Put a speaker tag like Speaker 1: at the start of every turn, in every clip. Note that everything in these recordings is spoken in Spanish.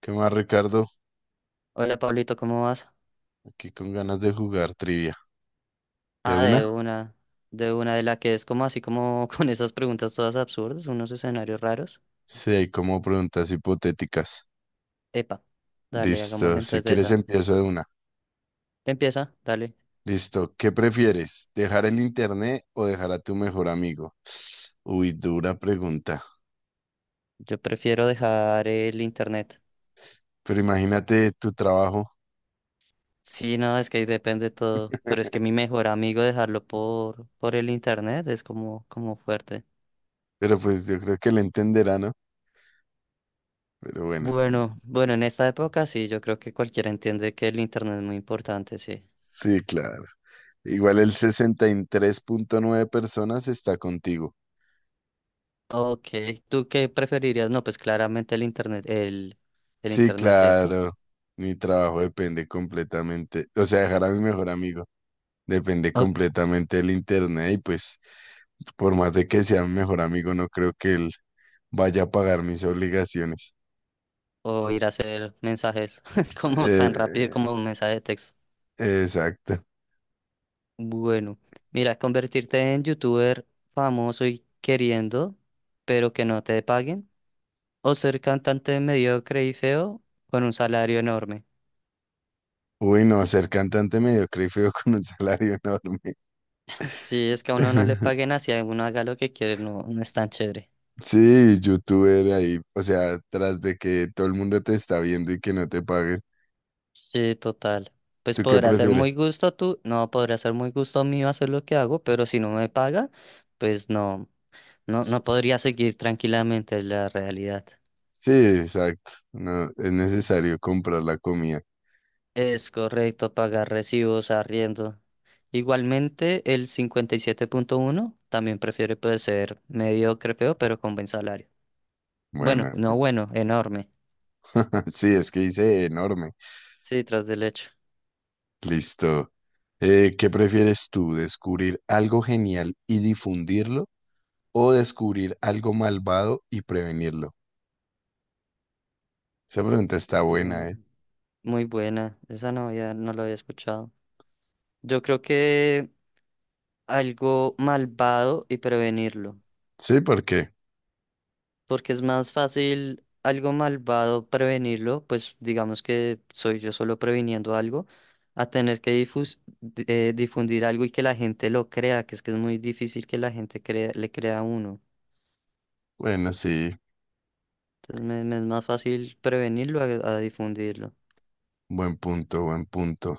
Speaker 1: ¿Qué más, Ricardo?
Speaker 2: Hola Pablito, ¿cómo vas?
Speaker 1: Aquí con ganas de jugar trivia. ¿De
Speaker 2: Ah, de
Speaker 1: una?
Speaker 2: una, de una de la que es como así como con esas preguntas todas absurdas, unos escenarios raros.
Speaker 1: Sí, hay como preguntas hipotéticas.
Speaker 2: Epa, dale,
Speaker 1: Listo,
Speaker 2: hagámosle
Speaker 1: si
Speaker 2: entonces de
Speaker 1: quieres
Speaker 2: esa.
Speaker 1: empiezo de una.
Speaker 2: Empieza, dale.
Speaker 1: Listo, ¿qué prefieres? ¿Dejar el internet o dejar a tu mejor amigo? Uy, dura pregunta.
Speaker 2: Yo prefiero dejar el internet.
Speaker 1: Pero imagínate tu trabajo.
Speaker 2: Sí, no, es que ahí depende todo, pero es que mi mejor amigo dejarlo por el internet es como, como fuerte.
Speaker 1: Pero pues yo creo que le entenderá, ¿no? Pero bueno,
Speaker 2: Bueno, bueno, en esta época sí, yo creo que cualquiera entiende que el internet es muy importante, sí.
Speaker 1: sí, claro. Igual el 63,9 personas está contigo.
Speaker 2: Ok, ¿tú qué preferirías? No, pues claramente el
Speaker 1: Sí,
Speaker 2: internet, ¿cierto?
Speaker 1: claro. Mi trabajo depende completamente, o sea, dejar a mi mejor amigo depende
Speaker 2: O,
Speaker 1: completamente del internet y pues por más de que sea mi mejor amigo, no creo que él vaya a pagar mis obligaciones.
Speaker 2: o ir a hacer mensajes como tan rápido
Speaker 1: Eh,
Speaker 2: como un mensaje de texto.
Speaker 1: exacto.
Speaker 2: Bueno, mira, convertirte en youtuber famoso y queriendo, pero que no te paguen, o ser cantante mediocre y feo con un salario enorme.
Speaker 1: Uy, no, ser cantante mediocre y feo con un salario enorme.
Speaker 2: Si es que a uno no le paguen así, a uno haga lo que quiere, no, no es tan chévere.
Speaker 1: Sí, youtuber ahí, o sea, tras de que todo el mundo te está viendo y que no te paguen.
Speaker 2: Sí, total. Pues
Speaker 1: ¿Tú qué
Speaker 2: podrá ser muy
Speaker 1: prefieres?
Speaker 2: gusto tú, no podrá ser muy gusto mío hacer lo que hago, pero si no me paga, pues no, no, no podría seguir tranquilamente la realidad.
Speaker 1: Sí, exacto. No, es necesario comprar la comida.
Speaker 2: Es correcto pagar recibos, arriendo. Igualmente, el 57,1 también prefiere pues, ser mediocre, feo, pero con buen salario. Bueno,
Speaker 1: Bueno,
Speaker 2: no bueno, enorme.
Speaker 1: sí, es que hice enorme.
Speaker 2: Sí, tras del hecho.
Speaker 1: Listo. ¿Qué prefieres tú, descubrir algo genial y difundirlo o descubrir algo malvado y prevenirlo? Esa pregunta está
Speaker 2: Eh,
Speaker 1: buena, ¿eh?
Speaker 2: Muy buena. Esa no había, no la había escuchado. Yo creo que algo malvado y prevenirlo,
Speaker 1: Sí, ¿por qué?
Speaker 2: porque es más fácil algo malvado prevenirlo, pues digamos que soy yo solo previniendo algo, a tener que difundir algo y que la gente lo crea, que es muy difícil que la gente le crea a uno.
Speaker 1: Bueno, sí,
Speaker 2: Entonces me es más fácil prevenirlo a difundirlo.
Speaker 1: buen punto, buen punto.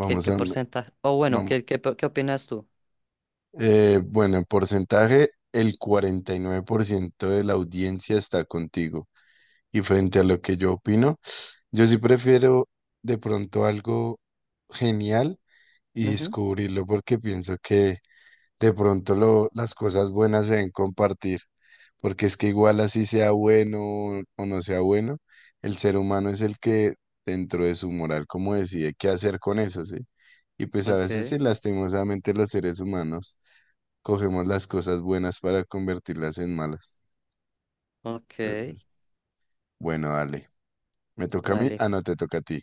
Speaker 2: ¿Qué, qué
Speaker 1: a,
Speaker 2: porcentaje? O bueno,
Speaker 1: vamos.
Speaker 2: ¿qué, qué, qué opinas tú?
Speaker 1: Bueno, en porcentaje, el 49% de la audiencia está contigo. Y frente a lo que yo opino, yo sí prefiero de pronto algo genial y
Speaker 2: Ujú.
Speaker 1: descubrirlo porque pienso que de pronto las cosas buenas se deben compartir, porque es que igual así sea bueno o no sea bueno, el ser humano es el que dentro de su moral como decide qué hacer con eso, ¿sí? Y pues a
Speaker 2: Ok,
Speaker 1: veces sí, lastimosamente los seres humanos cogemos las cosas buenas para convertirlas en malas.
Speaker 2: ok,
Speaker 1: Entonces, bueno, dale. ¿Me toca a mí?
Speaker 2: dale.
Speaker 1: Ah, no, te toca a ti.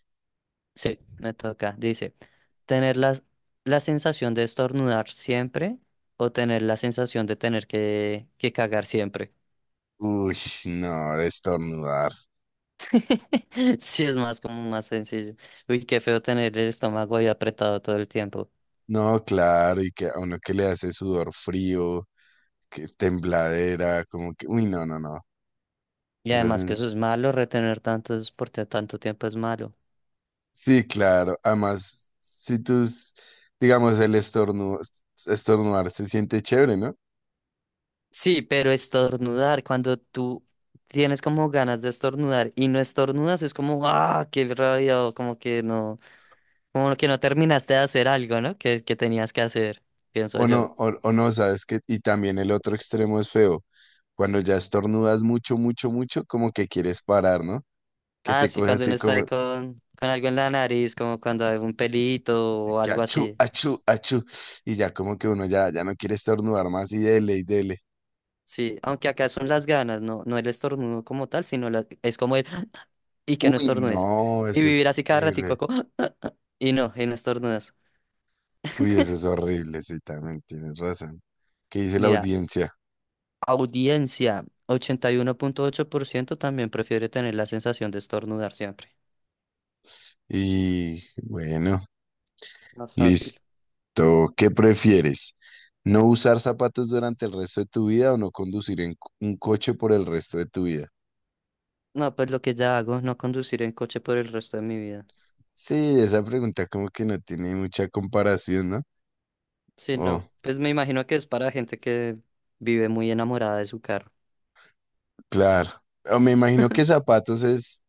Speaker 2: Sí, me toca. Dice, tener la sensación de estornudar siempre o tener la sensación de tener que cagar siempre.
Speaker 1: Uy, no, de estornudar.
Speaker 2: Sí, es más como más sencillo. Uy, qué feo tener el estómago ahí apretado todo el tiempo.
Speaker 1: No, claro, y que a uno que le hace sudor frío, que tembladera, como que, uy, no, no, no.
Speaker 2: Y
Speaker 1: Esas
Speaker 2: además que
Speaker 1: sen-
Speaker 2: eso es malo, retener tantos tanto tiempo es malo.
Speaker 1: Sí, claro. Además, si tú, s- digamos, estornudar se siente chévere, ¿no?
Speaker 2: Sí, pero estornudar, cuando tú tienes como ganas de estornudar y no estornudas, es como, ah, qué rabia, o como que no. Como que no terminaste de hacer algo, ¿no? Que tenías que hacer, pienso
Speaker 1: O
Speaker 2: yo.
Speaker 1: no, o no, sabes que, y también el otro extremo es feo. Cuando ya estornudas mucho, mucho, mucho, como que quieres parar, ¿no? Que
Speaker 2: Ah,
Speaker 1: te
Speaker 2: sí,
Speaker 1: coge
Speaker 2: cuando uno
Speaker 1: así
Speaker 2: está ahí
Speaker 1: como
Speaker 2: con algo en la nariz, como cuando hay un pelito o
Speaker 1: que
Speaker 2: algo
Speaker 1: achú,
Speaker 2: así.
Speaker 1: achú, achú. Y ya como que uno ya no quiere estornudar más y dele y dele.
Speaker 2: Sí, aunque acá son las ganas, no, no el estornudo como tal, sino es como el y que no
Speaker 1: Uy,
Speaker 2: estornudes.
Speaker 1: no,
Speaker 2: Y
Speaker 1: eso es
Speaker 2: vivir así cada
Speaker 1: horrible.
Speaker 2: ratico como y no estornudas.
Speaker 1: Uy, eso es horrible, sí, también tienes razón. ¿Qué dice la
Speaker 2: Mira,
Speaker 1: audiencia?
Speaker 2: audiencia, 81.8% también prefiere tener la sensación de estornudar siempre.
Speaker 1: Y bueno,
Speaker 2: Más
Speaker 1: listo.
Speaker 2: fácil.
Speaker 1: ¿Qué prefieres? ¿No usar zapatos durante el resto de tu vida o no conducir en un coche por el resto de tu vida?
Speaker 2: No, pues lo que ya hago, no conducir en coche por el resto de mi vida.
Speaker 1: Sí, esa pregunta como que no tiene mucha comparación, ¿no?
Speaker 2: Sí,
Speaker 1: Oh,
Speaker 2: no, pues me imagino que es para gente que vive muy enamorada de su carro.
Speaker 1: claro. O me imagino que zapatos es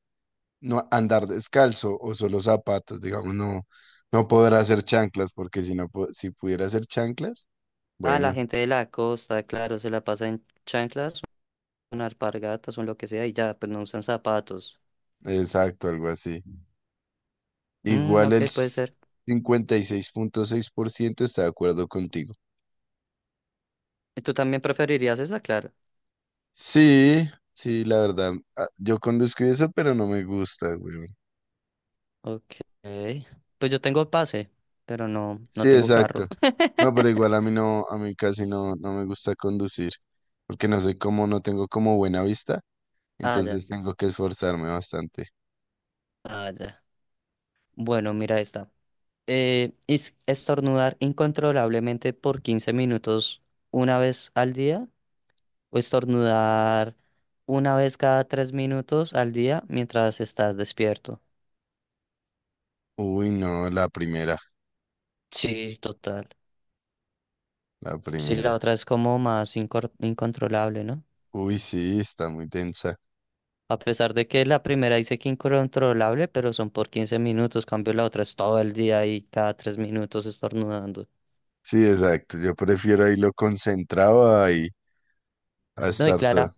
Speaker 1: no andar descalzo o solo zapatos, digamos, no, no podrá hacer chanclas, porque si no, si pudiera hacer chanclas,
Speaker 2: Ah, la
Speaker 1: bueno,
Speaker 2: gente de la costa, claro, se la pasa en chanclas, en alpargatas o en lo que sea y ya, pues no usan zapatos.
Speaker 1: exacto, algo así.
Speaker 2: Mm,
Speaker 1: Igual
Speaker 2: ok, puede ser.
Speaker 1: cincuenta y seis punto seis por ciento está de acuerdo contigo.
Speaker 2: ¿Y tú también preferirías esa, claro?
Speaker 1: Sí, sí, la verdad, ah, yo conduzco y eso, pero no me gusta, güey.
Speaker 2: Ok. Pues yo tengo pase, pero no,
Speaker 1: Sí,
Speaker 2: no tengo
Speaker 1: exacto.
Speaker 2: carro.
Speaker 1: No, pero igual a mí no, a mí casi no, no me gusta conducir, porque no sé cómo, no tengo como buena vista,
Speaker 2: Ah, ya,
Speaker 1: entonces tengo que esforzarme bastante.
Speaker 2: ah, ya. Bueno, mira esta. Estornudar incontrolablemente por 15 minutos una vez al día o estornudar una vez cada 3 minutos al día mientras estás despierto.
Speaker 1: Uy, no, la primera,
Speaker 2: Sí, total.
Speaker 1: la
Speaker 2: Sí, la
Speaker 1: primera.
Speaker 2: otra es como más incontrolable, ¿no?
Speaker 1: Uy, sí, está muy tensa.
Speaker 2: A pesar de que la primera dice que incontrolable, pero son por 15 minutos, cambio la otra es todo el día y cada 3 minutos estornudando.
Speaker 1: Sí, exacto. Yo prefiero ahí lo concentrado ahí a
Speaker 2: No, y
Speaker 1: estar todo.
Speaker 2: clara,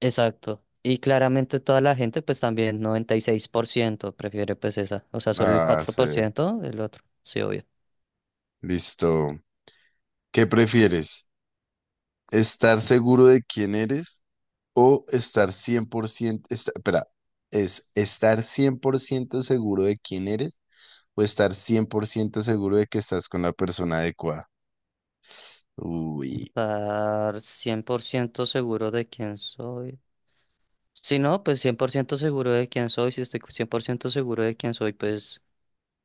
Speaker 2: exacto. Y claramente toda la gente, pues también 96% prefiere pues esa. O sea, solo el
Speaker 1: Ah,
Speaker 2: cuatro
Speaker 1: sí.
Speaker 2: por ciento del otro. Sí, obvio.
Speaker 1: Listo. ¿Qué prefieres? ¿Estar seguro de quién eres o estar 100%, espera, es estar 100% seguro de quién eres o estar 100% seguro de que estás con la persona adecuada? Uy.
Speaker 2: Estar 100% seguro de quién soy. Si no, pues 100% seguro de quién soy. Si estoy 100% seguro de quién soy, pues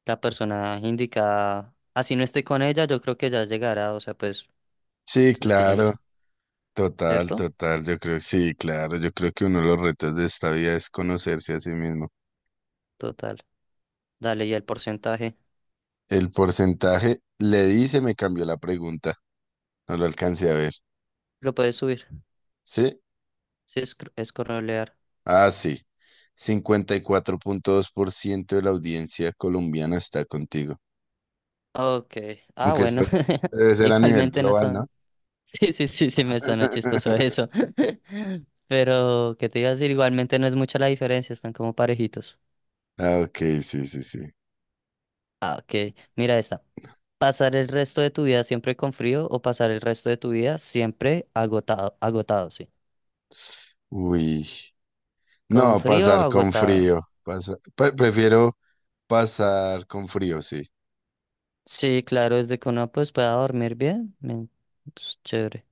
Speaker 2: la persona indicada, así no esté con ella, yo creo que ya llegará. O sea, pues,
Speaker 1: Sí,
Speaker 2: entonces que yo me
Speaker 1: claro.
Speaker 2: sé,
Speaker 1: Total,
Speaker 2: ¿cierto?
Speaker 1: total, yo creo que sí, claro, yo creo que uno de los retos de esta vida es conocerse a sí mismo.
Speaker 2: Total. Dale, y el porcentaje
Speaker 1: El porcentaje, le di, se me cambió la pregunta, no lo alcancé a ver.
Speaker 2: lo puedes subir.
Speaker 1: ¿Sí?
Speaker 2: Sí, es correlear.
Speaker 1: Ah, sí. 54,2% de la audiencia colombiana está contigo.
Speaker 2: Ok. Ah,
Speaker 1: Aunque
Speaker 2: bueno.
Speaker 1: esto debe ser a nivel
Speaker 2: Igualmente no
Speaker 1: global, ¿no?
Speaker 2: son. Sí, sí, sí, sí, me suena chistoso eso. Pero, ¿qué te iba a decir? Igualmente no es mucha la diferencia, están como parejitos.
Speaker 1: Ah, ok, sí, sí, sí.
Speaker 2: Ah, ok. Mira esta. ¿Pasar el resto de tu vida siempre con frío o pasar el resto de tu vida siempre agotado? Agotado, sí.
Speaker 1: Uy,
Speaker 2: ¿Con
Speaker 1: no,
Speaker 2: frío o
Speaker 1: pasar con
Speaker 2: agotado?
Speaker 1: frío. Prefiero pasar con frío, sí.
Speaker 2: Sí, claro, desde que uno pues pueda dormir bien. Men, pues, chévere.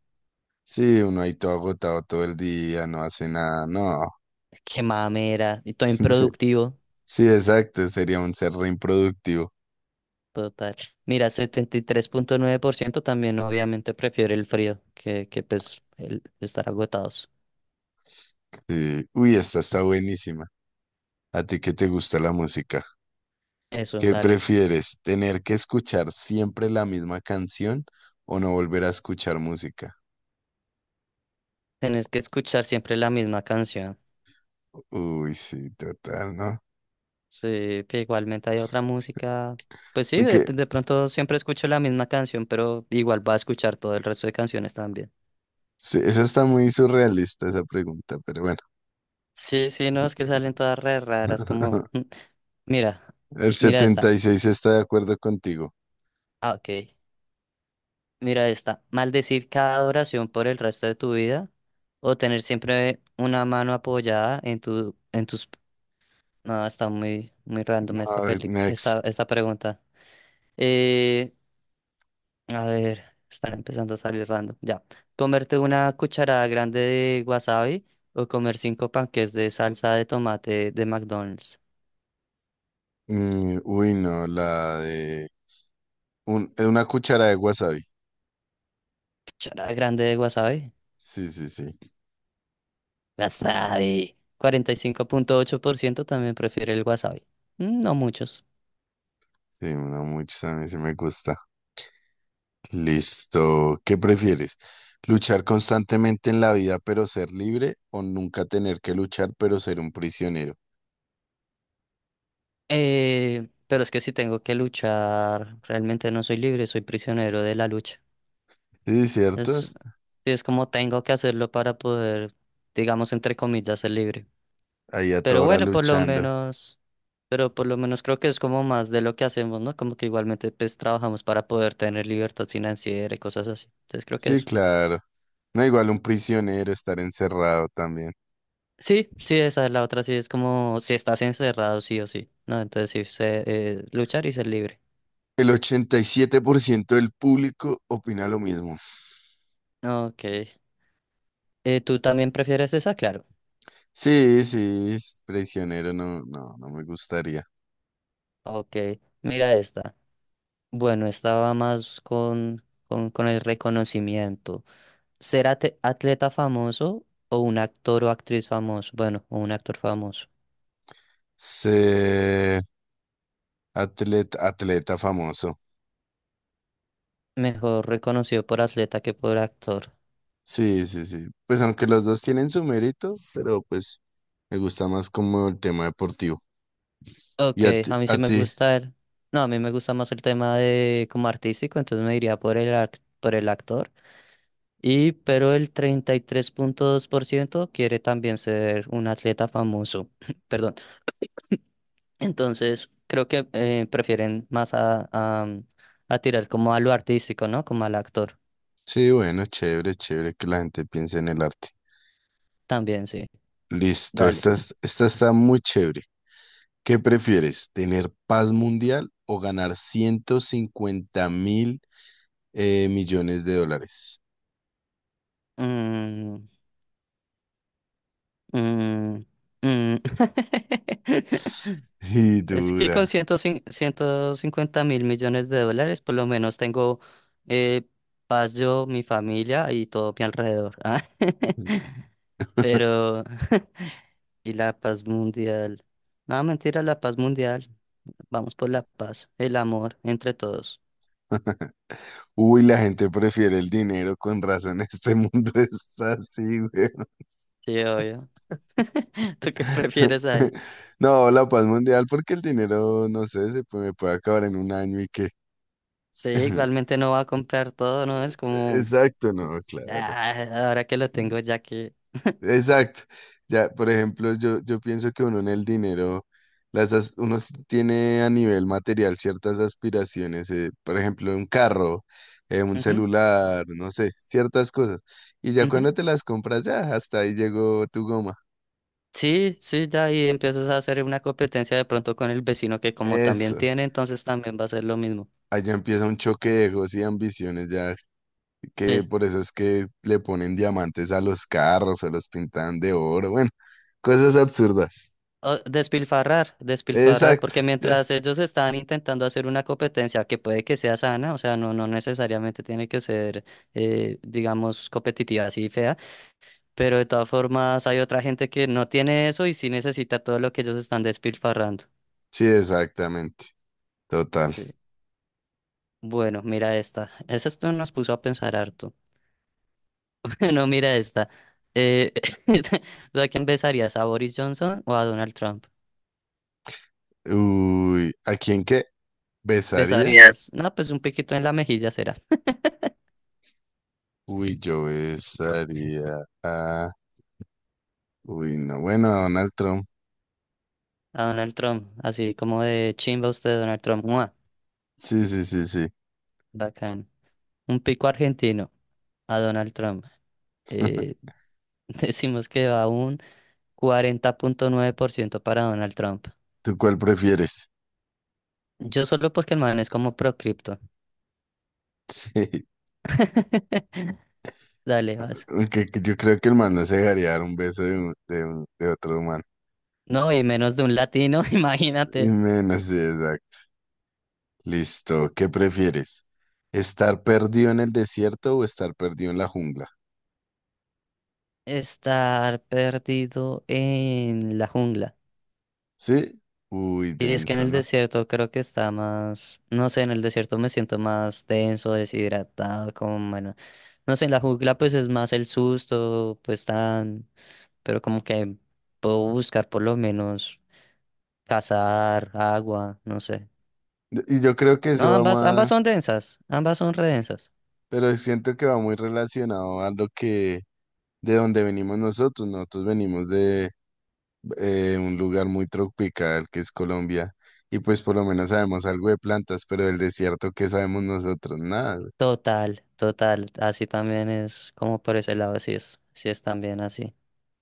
Speaker 1: Sí, uno ahí todo agotado todo el día, no hace nada, no.
Speaker 2: Qué mamera. Y todo
Speaker 1: Sí,
Speaker 2: improductivo.
Speaker 1: sí, exacto, sería un ser re improductivo.
Speaker 2: Total. Mira, 73,9% también obviamente prefiere el frío que pues el estar agotados.
Speaker 1: Sí. Uy, esta está buenísima. ¿A ti qué te gusta la música?
Speaker 2: Eso,
Speaker 1: ¿Qué
Speaker 2: dale.
Speaker 1: prefieres? ¿Tener que escuchar siempre la misma canción o no volver a escuchar música?
Speaker 2: Tienes que escuchar siempre la misma canción.
Speaker 1: Uy, sí, total, ¿no?
Speaker 2: Sí, que igualmente hay otra música. Pues sí,
Speaker 1: Aunque
Speaker 2: de pronto siempre escucho la misma canción, pero igual va a escuchar todo el resto de canciones también.
Speaker 1: sí, esa está muy surrealista, esa pregunta, pero bueno.
Speaker 2: Sí, sí, no, es que salen todas re raras, como, mm, mira,
Speaker 1: El
Speaker 2: mira
Speaker 1: setenta
Speaker 2: esta,
Speaker 1: y seis está de acuerdo contigo.
Speaker 2: ah, ok, mira esta, maldecir cada oración por el resto de tu vida, o tener siempre una mano apoyada en tu, en tus, no, está muy, muy random esta
Speaker 1: No,
Speaker 2: película, esta,
Speaker 1: next.
Speaker 2: esta pregunta. Eh, A ver, están empezando a salir random. Ya. Comerte una cucharada grande de wasabi o comer cinco panques de salsa de tomate de McDonald's.
Speaker 1: Uy, no, la de una cuchara de wasabi.
Speaker 2: Cucharada grande de wasabi.
Speaker 1: Sí, sí, sí.
Speaker 2: Wasabi. 45,8% también prefiere el wasabi. Mm, no muchos.
Speaker 1: Sí, una mucho también sí me gusta. Listo. ¿Qué prefieres? ¿Luchar constantemente en la vida pero ser libre o nunca tener que luchar pero ser un prisionero?
Speaker 2: Pero es que si tengo que luchar, realmente no soy libre, soy prisionero de la lucha.
Speaker 1: Sí, cierto.
Speaker 2: Sí, es como tengo que hacerlo para poder, digamos, entre comillas, ser libre.
Speaker 1: Ahí a toda
Speaker 2: Pero
Speaker 1: hora
Speaker 2: bueno, por lo
Speaker 1: luchando.
Speaker 2: menos, pero por lo menos creo que es como más de lo que hacemos, ¿no? Como que igualmente pues trabajamos para poder tener libertad financiera y cosas así. Entonces creo que
Speaker 1: Sí,
Speaker 2: eso.
Speaker 1: claro. No igual un prisionero estar encerrado también.
Speaker 2: Sí, sí, esa es la otra, sí, es como si estás encerrado, sí o sí, ¿no? Entonces sí, sé, luchar y ser libre.
Speaker 1: El 87% del público opina lo mismo.
Speaker 2: Ok. ¿Tú también prefieres esa? Claro.
Speaker 1: Sí, sí, es prisionero no, no, no me gustaría.
Speaker 2: Ok, mira esta. Bueno, esta va más con el reconocimiento. ¿Ser atleta famoso o un actor o actriz famoso? Bueno, o un actor famoso.
Speaker 1: Sí. Atleta, atleta famoso.
Speaker 2: Mejor reconocido por atleta que por actor.
Speaker 1: Sí, sí, sí. Pues aunque los dos tienen su mérito, pero pues me gusta más como el tema deportivo.
Speaker 2: Ok,
Speaker 1: ¿Y a ti?
Speaker 2: a mí
Speaker 1: ¿A
Speaker 2: sí me
Speaker 1: ti?
Speaker 2: gusta el... No, a mí me gusta más el tema de como artístico, entonces me diría por el, por el actor. Y pero el 33,2% quiere también ser un atleta famoso. Perdón. Entonces, creo que prefieren más mm, a tirar como a lo artístico, ¿no? Como al actor.
Speaker 1: Sí, bueno, chévere, chévere que la gente piense en el arte.
Speaker 2: También, sí.
Speaker 1: Listo,
Speaker 2: Dale.
Speaker 1: esta, esta está muy chévere. ¿Qué prefieres, tener paz mundial o ganar 150 mil millones de dólares?
Speaker 2: Mm, mm, mm.
Speaker 1: Y
Speaker 2: Es que
Speaker 1: dura.
Speaker 2: con $150.000.000.000, por lo menos tengo eh, paz yo, mi familia y todo mi alrededor. Ah, pero, y la paz mundial. No, mentira, la paz mundial. Vamos por la paz, el amor entre todos.
Speaker 1: Uy, la gente prefiere el dinero, con razón. Este mundo está así, güey.
Speaker 2: Sí, obvio. ¿Tú qué prefieres ahí?
Speaker 1: No, la paz mundial, porque el dinero, no sé, se puede, me puede acabar en un año y qué.
Speaker 2: Sí, igualmente no va a comprar todo, ¿no? Es como,
Speaker 1: Exacto, no, claro.
Speaker 2: ah, ahora que lo tengo, ya que...
Speaker 1: Exacto. Ya, por ejemplo, yo pienso que uno en el dinero, uno tiene a nivel material ciertas aspiraciones, por ejemplo, un carro, un
Speaker 2: Ujú,
Speaker 1: celular, no sé, ciertas cosas. Y ya
Speaker 2: ujú.
Speaker 1: cuando te las compras, ya hasta ahí llegó tu goma.
Speaker 2: Sí, sí, ya ahí empiezas a hacer una competencia de pronto con el vecino que como también
Speaker 1: Eso.
Speaker 2: tiene, entonces también va a ser lo mismo.
Speaker 1: Allá empieza un choque de egos y ambiciones ya que
Speaker 2: Sí.
Speaker 1: por eso es que le ponen diamantes a los carros o los pintan de oro, bueno, cosas absurdas.
Speaker 2: O despilfarrar, despilfarrar,
Speaker 1: Exacto,
Speaker 2: porque
Speaker 1: ya.
Speaker 2: mientras ellos están intentando hacer una competencia que puede que sea sana, o sea, no, no necesariamente tiene que ser, digamos, competitiva así fea, pero de todas formas hay otra gente que no tiene eso y sí necesita todo lo que ellos están despilfarrando.
Speaker 1: Sí, exactamente. Total.
Speaker 2: Sí. Bueno, mira esta. Esa esto nos puso a pensar harto. No, mira esta. Eh, ¿tú a quién besarías? ¿A Boris Johnson o a Donald Trump?
Speaker 1: Uy, ¿a quién qué? ¿Besaría?
Speaker 2: Besarías, no, pues un piquito en la mejilla será.
Speaker 1: Uy, yo besaría a... Uy, no, bueno, a Donald Trump.
Speaker 2: A Donald Trump, así como de chimba usted, Donald Trump. ¡Mua!
Speaker 1: Sí, sí, sí, sí.
Speaker 2: Bacán. Un pico argentino a Donald Trump. Eh, decimos que va un 40.9% para Donald Trump.
Speaker 1: ¿Tú cuál prefieres?
Speaker 2: Yo solo porque el man es como pro cripto.
Speaker 1: Sí,
Speaker 2: Dale, vas.
Speaker 1: aunque que yo creo que el man no se dejaría dar un beso de otro humano.
Speaker 2: No, y menos de un latino,
Speaker 1: Y
Speaker 2: imagínate.
Speaker 1: menos, sí, exacto. Listo, ¿qué prefieres? ¿Estar perdido en el desierto o estar perdido en la jungla?
Speaker 2: Estar perdido en la jungla.
Speaker 1: ¿Sí? Uy,
Speaker 2: Y es que en
Speaker 1: denso,
Speaker 2: el
Speaker 1: ¿no?
Speaker 2: desierto creo que está más, no sé, en el desierto me siento más tenso, deshidratado, como bueno, no sé, en la jungla pues es más el susto, pues tan, pero como que puedo buscar por lo menos cazar, agua, no sé.
Speaker 1: Y yo creo que
Speaker 2: No,
Speaker 1: eso va
Speaker 2: ambas, ambas son
Speaker 1: más,
Speaker 2: densas, ambas son redensas.
Speaker 1: pero siento que va muy relacionado a lo que, de donde venimos nosotros, ¿no? Nosotros venimos de un lugar muy tropical que es Colombia, y pues por lo menos sabemos algo de plantas, pero del desierto, ¿qué sabemos nosotros? Nada, güey.
Speaker 2: Total, total, así también es, como por ese lado, sí es también así.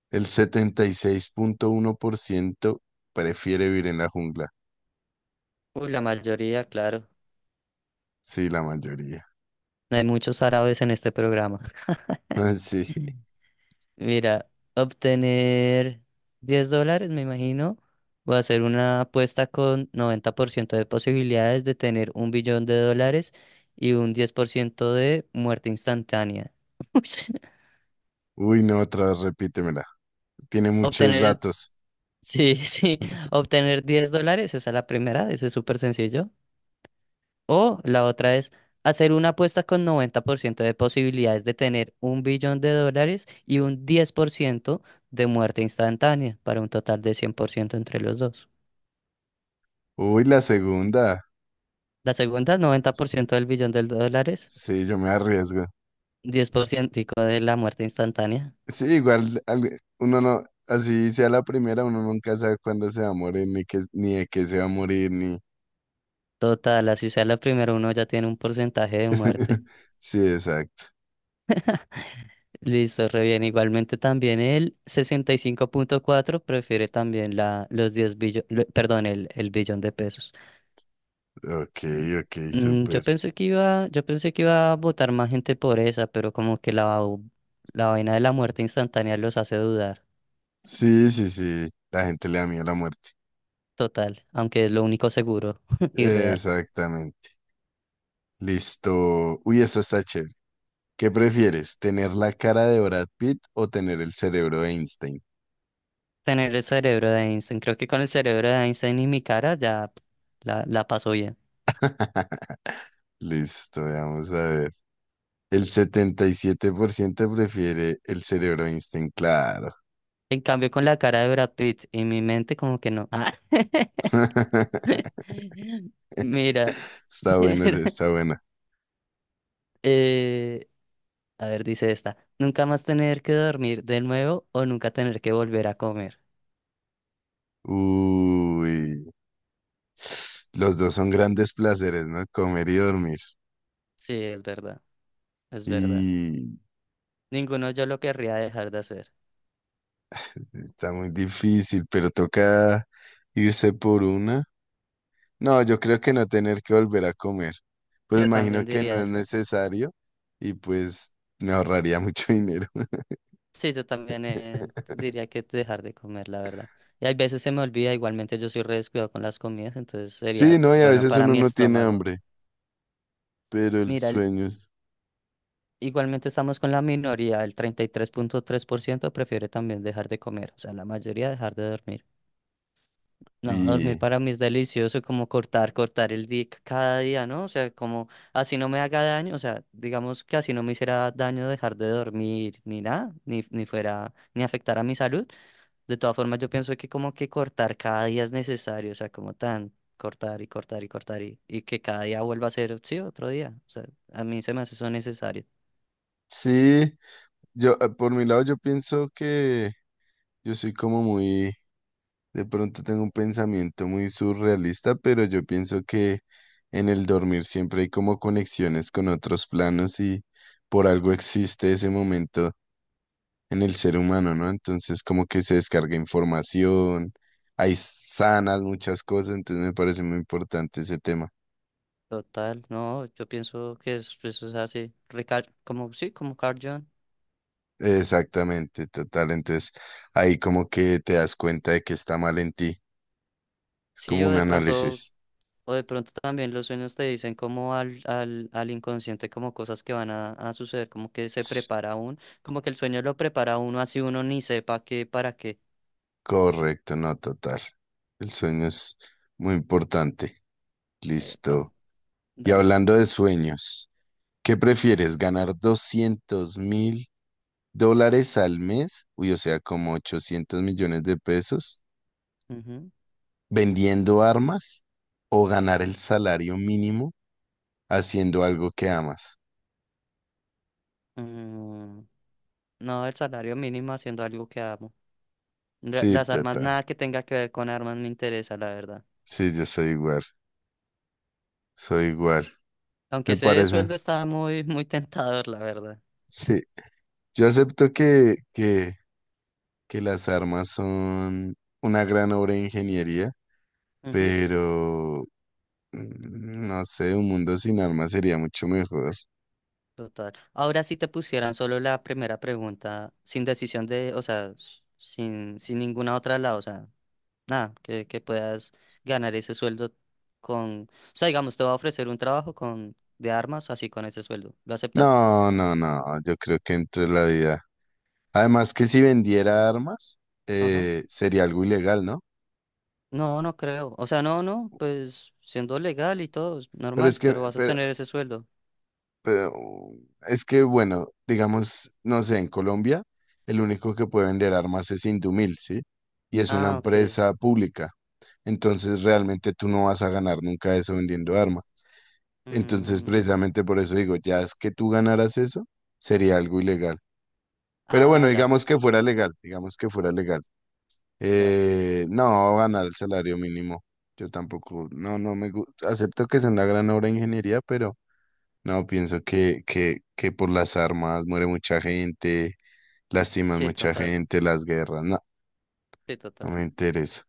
Speaker 1: El 76,1% prefiere vivir en la jungla.
Speaker 2: Uy, la mayoría, claro.
Speaker 1: Sí, la mayoría.
Speaker 2: Hay muchos árabes en este programa.
Speaker 1: Sí.
Speaker 2: Mira, obtener $10, me imagino, o hacer una apuesta con 90% de posibilidades de tener un billón de dólares y un 10% de muerte instantánea.
Speaker 1: Uy, no, otra vez repítemela. Tiene muchos
Speaker 2: Obtener,
Speaker 1: datos.
Speaker 2: sí, sí, obtener 10 dólares, esa es la primera, ese es súper sencillo. O la otra es hacer una apuesta con 90% de posibilidades de tener un billón de dólares y un 10% de muerte instantánea para un total de 100% entre los dos.
Speaker 1: Uy, la segunda.
Speaker 2: La segunda, 90% del billón de dólares,
Speaker 1: Sí, yo me arriesgo.
Speaker 2: 10% de la muerte instantánea.
Speaker 1: Sí, igual uno no, así sea la primera, uno nunca sabe cuándo se va a morir, ni qué, ni de qué se va a morir, ni.
Speaker 2: Total, así sea la primera, uno ya tiene un porcentaje de muerte.
Speaker 1: Sí, exacto.
Speaker 2: Listo, re bien. Igualmente también el 65,4 prefiere también los 10 billones, perdón, el billón de pesos.
Speaker 1: Ok, ok, súper.
Speaker 2: Yo pensé que iba a votar más gente por esa, pero como que la vaina de la muerte instantánea los hace dudar.
Speaker 1: Sí, sí, sí. La gente le da miedo a la muerte.
Speaker 2: Total, aunque es lo único seguro y real.
Speaker 1: Exactamente. Listo. Uy, esta está chévere. ¿Qué prefieres? ¿Tener la cara de Brad Pitt o tener el cerebro de Einstein?
Speaker 2: Tener el cerebro de Einstein. Creo que con el cerebro de Einstein y mi cara ya pf, la paso bien.
Speaker 1: Listo, vamos a ver. El 77% prefiere el cerebro de Einstein, claro.
Speaker 2: En cambio, con la cara de Brad Pitt y mi mente, como que no. Ah. Mira,
Speaker 1: Está bueno,
Speaker 2: tener.
Speaker 1: está buena.
Speaker 2: eh, a ver, dice esta. Nunca más tener que dormir de nuevo o nunca tener que volver a comer.
Speaker 1: Uy. Los dos son grandes placeres, ¿no? Comer y dormir.
Speaker 2: Sí, es verdad. Es verdad.
Speaker 1: Y
Speaker 2: Ninguno yo lo querría dejar de hacer.
Speaker 1: está muy difícil, pero toca irse por una. No, yo creo que no tener que volver a comer. Pues
Speaker 2: Yo también
Speaker 1: imagino que no
Speaker 2: diría
Speaker 1: es
Speaker 2: esa.
Speaker 1: necesario y pues me ahorraría mucho dinero.
Speaker 2: Sí, yo también diría que dejar de comer, la verdad. Y hay veces se me olvida, igualmente yo soy re descuidado con las comidas, entonces
Speaker 1: Sí,
Speaker 2: sería
Speaker 1: no, y a
Speaker 2: bueno
Speaker 1: veces
Speaker 2: para
Speaker 1: uno
Speaker 2: mi
Speaker 1: no tiene
Speaker 2: estómago.
Speaker 1: hambre, pero el
Speaker 2: Mira, el-
Speaker 1: sueño
Speaker 2: Igualmente estamos con la minoría, el treinta y tres punto tres por ciento prefiere también dejar de comer, o sea, la mayoría dejar de dormir. No, dormir
Speaker 1: y
Speaker 2: para mí es delicioso, como cortar el día cada día, ¿no? O sea, como así no me haga daño, o sea, digamos que así no me hiciera daño dejar de dormir ni nada, ni fuera, ni afectar a mi salud. De todas formas, yo pienso que como que cortar cada día es necesario, o sea, como tan cortar y cortar y cortar y que cada día vuelva a ser, sí, otro día. O sea, a mí se me hace eso necesario.
Speaker 1: sí, yo por mi lado yo pienso que yo soy como muy, de pronto tengo un pensamiento muy surrealista, pero yo pienso que en el dormir siempre hay como conexiones con otros planos y por algo existe ese momento en el ser humano, ¿no? Entonces como que se descarga información, hay sanas muchas cosas, entonces me parece muy importante ese tema.
Speaker 2: Total, no, yo pienso que eso es así, como, sí, como Carl Jung.
Speaker 1: Exactamente, total. Entonces ahí como que te das cuenta de que está mal en ti. Es
Speaker 2: Sí,
Speaker 1: como
Speaker 2: yo
Speaker 1: un
Speaker 2: de pronto.
Speaker 1: análisis.
Speaker 2: O de pronto también los sueños te dicen como al inconsciente, como cosas que van a suceder, como que se
Speaker 1: Ts-
Speaker 2: prepara uno, como que el sueño lo prepara a uno así uno ni sepa qué, para qué.
Speaker 1: Correcto, no, total. El sueño es muy importante.
Speaker 2: Epa,
Speaker 1: Listo. Y
Speaker 2: dale.
Speaker 1: hablando de sueños, ¿qué prefieres? ¿Ganar $200.000 al mes? Uy, o sea, como 800 millones de pesos,
Speaker 2: Ujú.
Speaker 1: vendiendo armas o ganar el salario mínimo haciendo algo que amas.
Speaker 2: Mm, no, el salario mínimo haciendo algo que amo.
Speaker 1: Sí,
Speaker 2: Las armas,
Speaker 1: total.
Speaker 2: nada que tenga que ver con armas me interesa, la verdad.
Speaker 1: Sí, yo soy igual. Soy igual.
Speaker 2: Aunque
Speaker 1: Me
Speaker 2: ese
Speaker 1: parece.
Speaker 2: sueldo está muy, muy tentador, la verdad.
Speaker 1: Sí. Yo acepto que, las armas son una gran obra de ingeniería,
Speaker 2: Ujú.
Speaker 1: pero no sé, un mundo sin armas sería mucho mejor.
Speaker 2: Total. Ahora si te pusieran solo la primera pregunta, sin decisión de, o sea, sin ninguna otra al lado, o sea, nada, que puedas ganar ese sueldo con, o sea, digamos, te va a ofrecer un trabajo con de armas así con ese sueldo. ¿Lo aceptas?
Speaker 1: No, no, no. Yo creo que entre la vida. Además que si vendiera armas,
Speaker 2: Ajá.
Speaker 1: sería algo ilegal, ¿no?
Speaker 2: No, no creo. O sea, no, pues siendo legal y todo, es
Speaker 1: Pero es
Speaker 2: normal,
Speaker 1: que,
Speaker 2: pero vas a
Speaker 1: pero,
Speaker 2: tener ese sueldo.
Speaker 1: Pero es que, bueno, digamos, no sé, en Colombia el único que puede vender armas es Indumil, ¿sí? Y es una
Speaker 2: Ah, ok.
Speaker 1: empresa pública. Entonces realmente tú no vas a ganar nunca eso vendiendo armas. Entonces
Speaker 2: Mm,
Speaker 1: precisamente por eso digo, ya es que tú ganaras eso, sería algo ilegal. Pero bueno,
Speaker 2: ah, ya,
Speaker 1: digamos que fuera legal, digamos que fuera legal.
Speaker 2: ya.
Speaker 1: No, ganar el salario mínimo. Yo tampoco, no, no me gusta. Acepto que es una gran obra de ingeniería, pero... No, pienso que, por las armas muere mucha gente, lastiman
Speaker 2: Sí,
Speaker 1: mucha
Speaker 2: total,
Speaker 1: gente, las guerras, no,
Speaker 2: sí,
Speaker 1: no
Speaker 2: total.
Speaker 1: me interesa.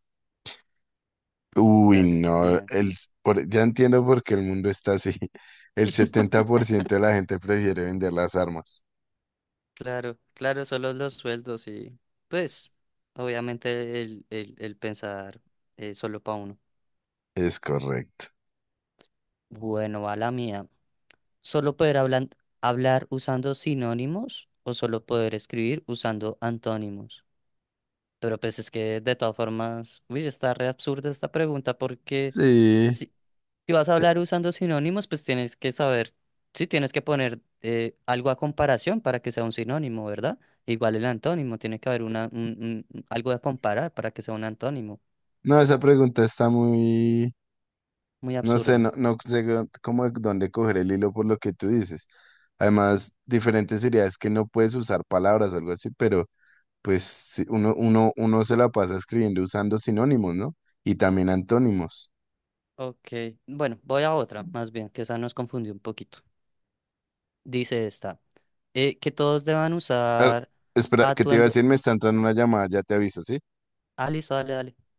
Speaker 1: Uy,
Speaker 2: Dale,
Speaker 1: no,
Speaker 2: bien.
Speaker 1: ya entiendo por qué el mundo está así. El setenta por ciento de la gente prefiere vender las armas.
Speaker 2: Claro, claro, solo los sueldos y pues obviamente el pensar solo para uno.
Speaker 1: Es correcto.
Speaker 2: Bueno, va la mía. ¿Solo poder hablar usando sinónimos o solo poder escribir usando antónimos? Pero pues es que de todas formas, uy, está re absurda esta pregunta porque
Speaker 1: Sí.
Speaker 2: si, si vas a
Speaker 1: eh,
Speaker 2: hablar usando sinónimos, pues tienes que saber, sí, tienes que poner algo a comparación para que sea un sinónimo, ¿verdad? Igual el antónimo, tiene que haber algo a comparar para que sea un antónimo.
Speaker 1: No, esa pregunta está muy,
Speaker 2: Muy
Speaker 1: no sé,
Speaker 2: absurda.
Speaker 1: no, no sé cómo, dónde coger el hilo por lo que tú dices. Además, diferente sería es que no puedes usar palabras o algo así, pero... pues sí, uno se la pasa escribiendo usando sinónimos, ¿no? Y también antónimos.
Speaker 2: Ok, bueno, voy a otra, más bien, que esa nos confundió un poquito. Dice esta, que todos deban
Speaker 1: Ah,
Speaker 2: usar
Speaker 1: espera, ¿qué te iba a
Speaker 2: atuendo.
Speaker 1: decir? Me está entrando una llamada, ya te aviso, ¿sí?
Speaker 2: Ah, listo, dale, dale.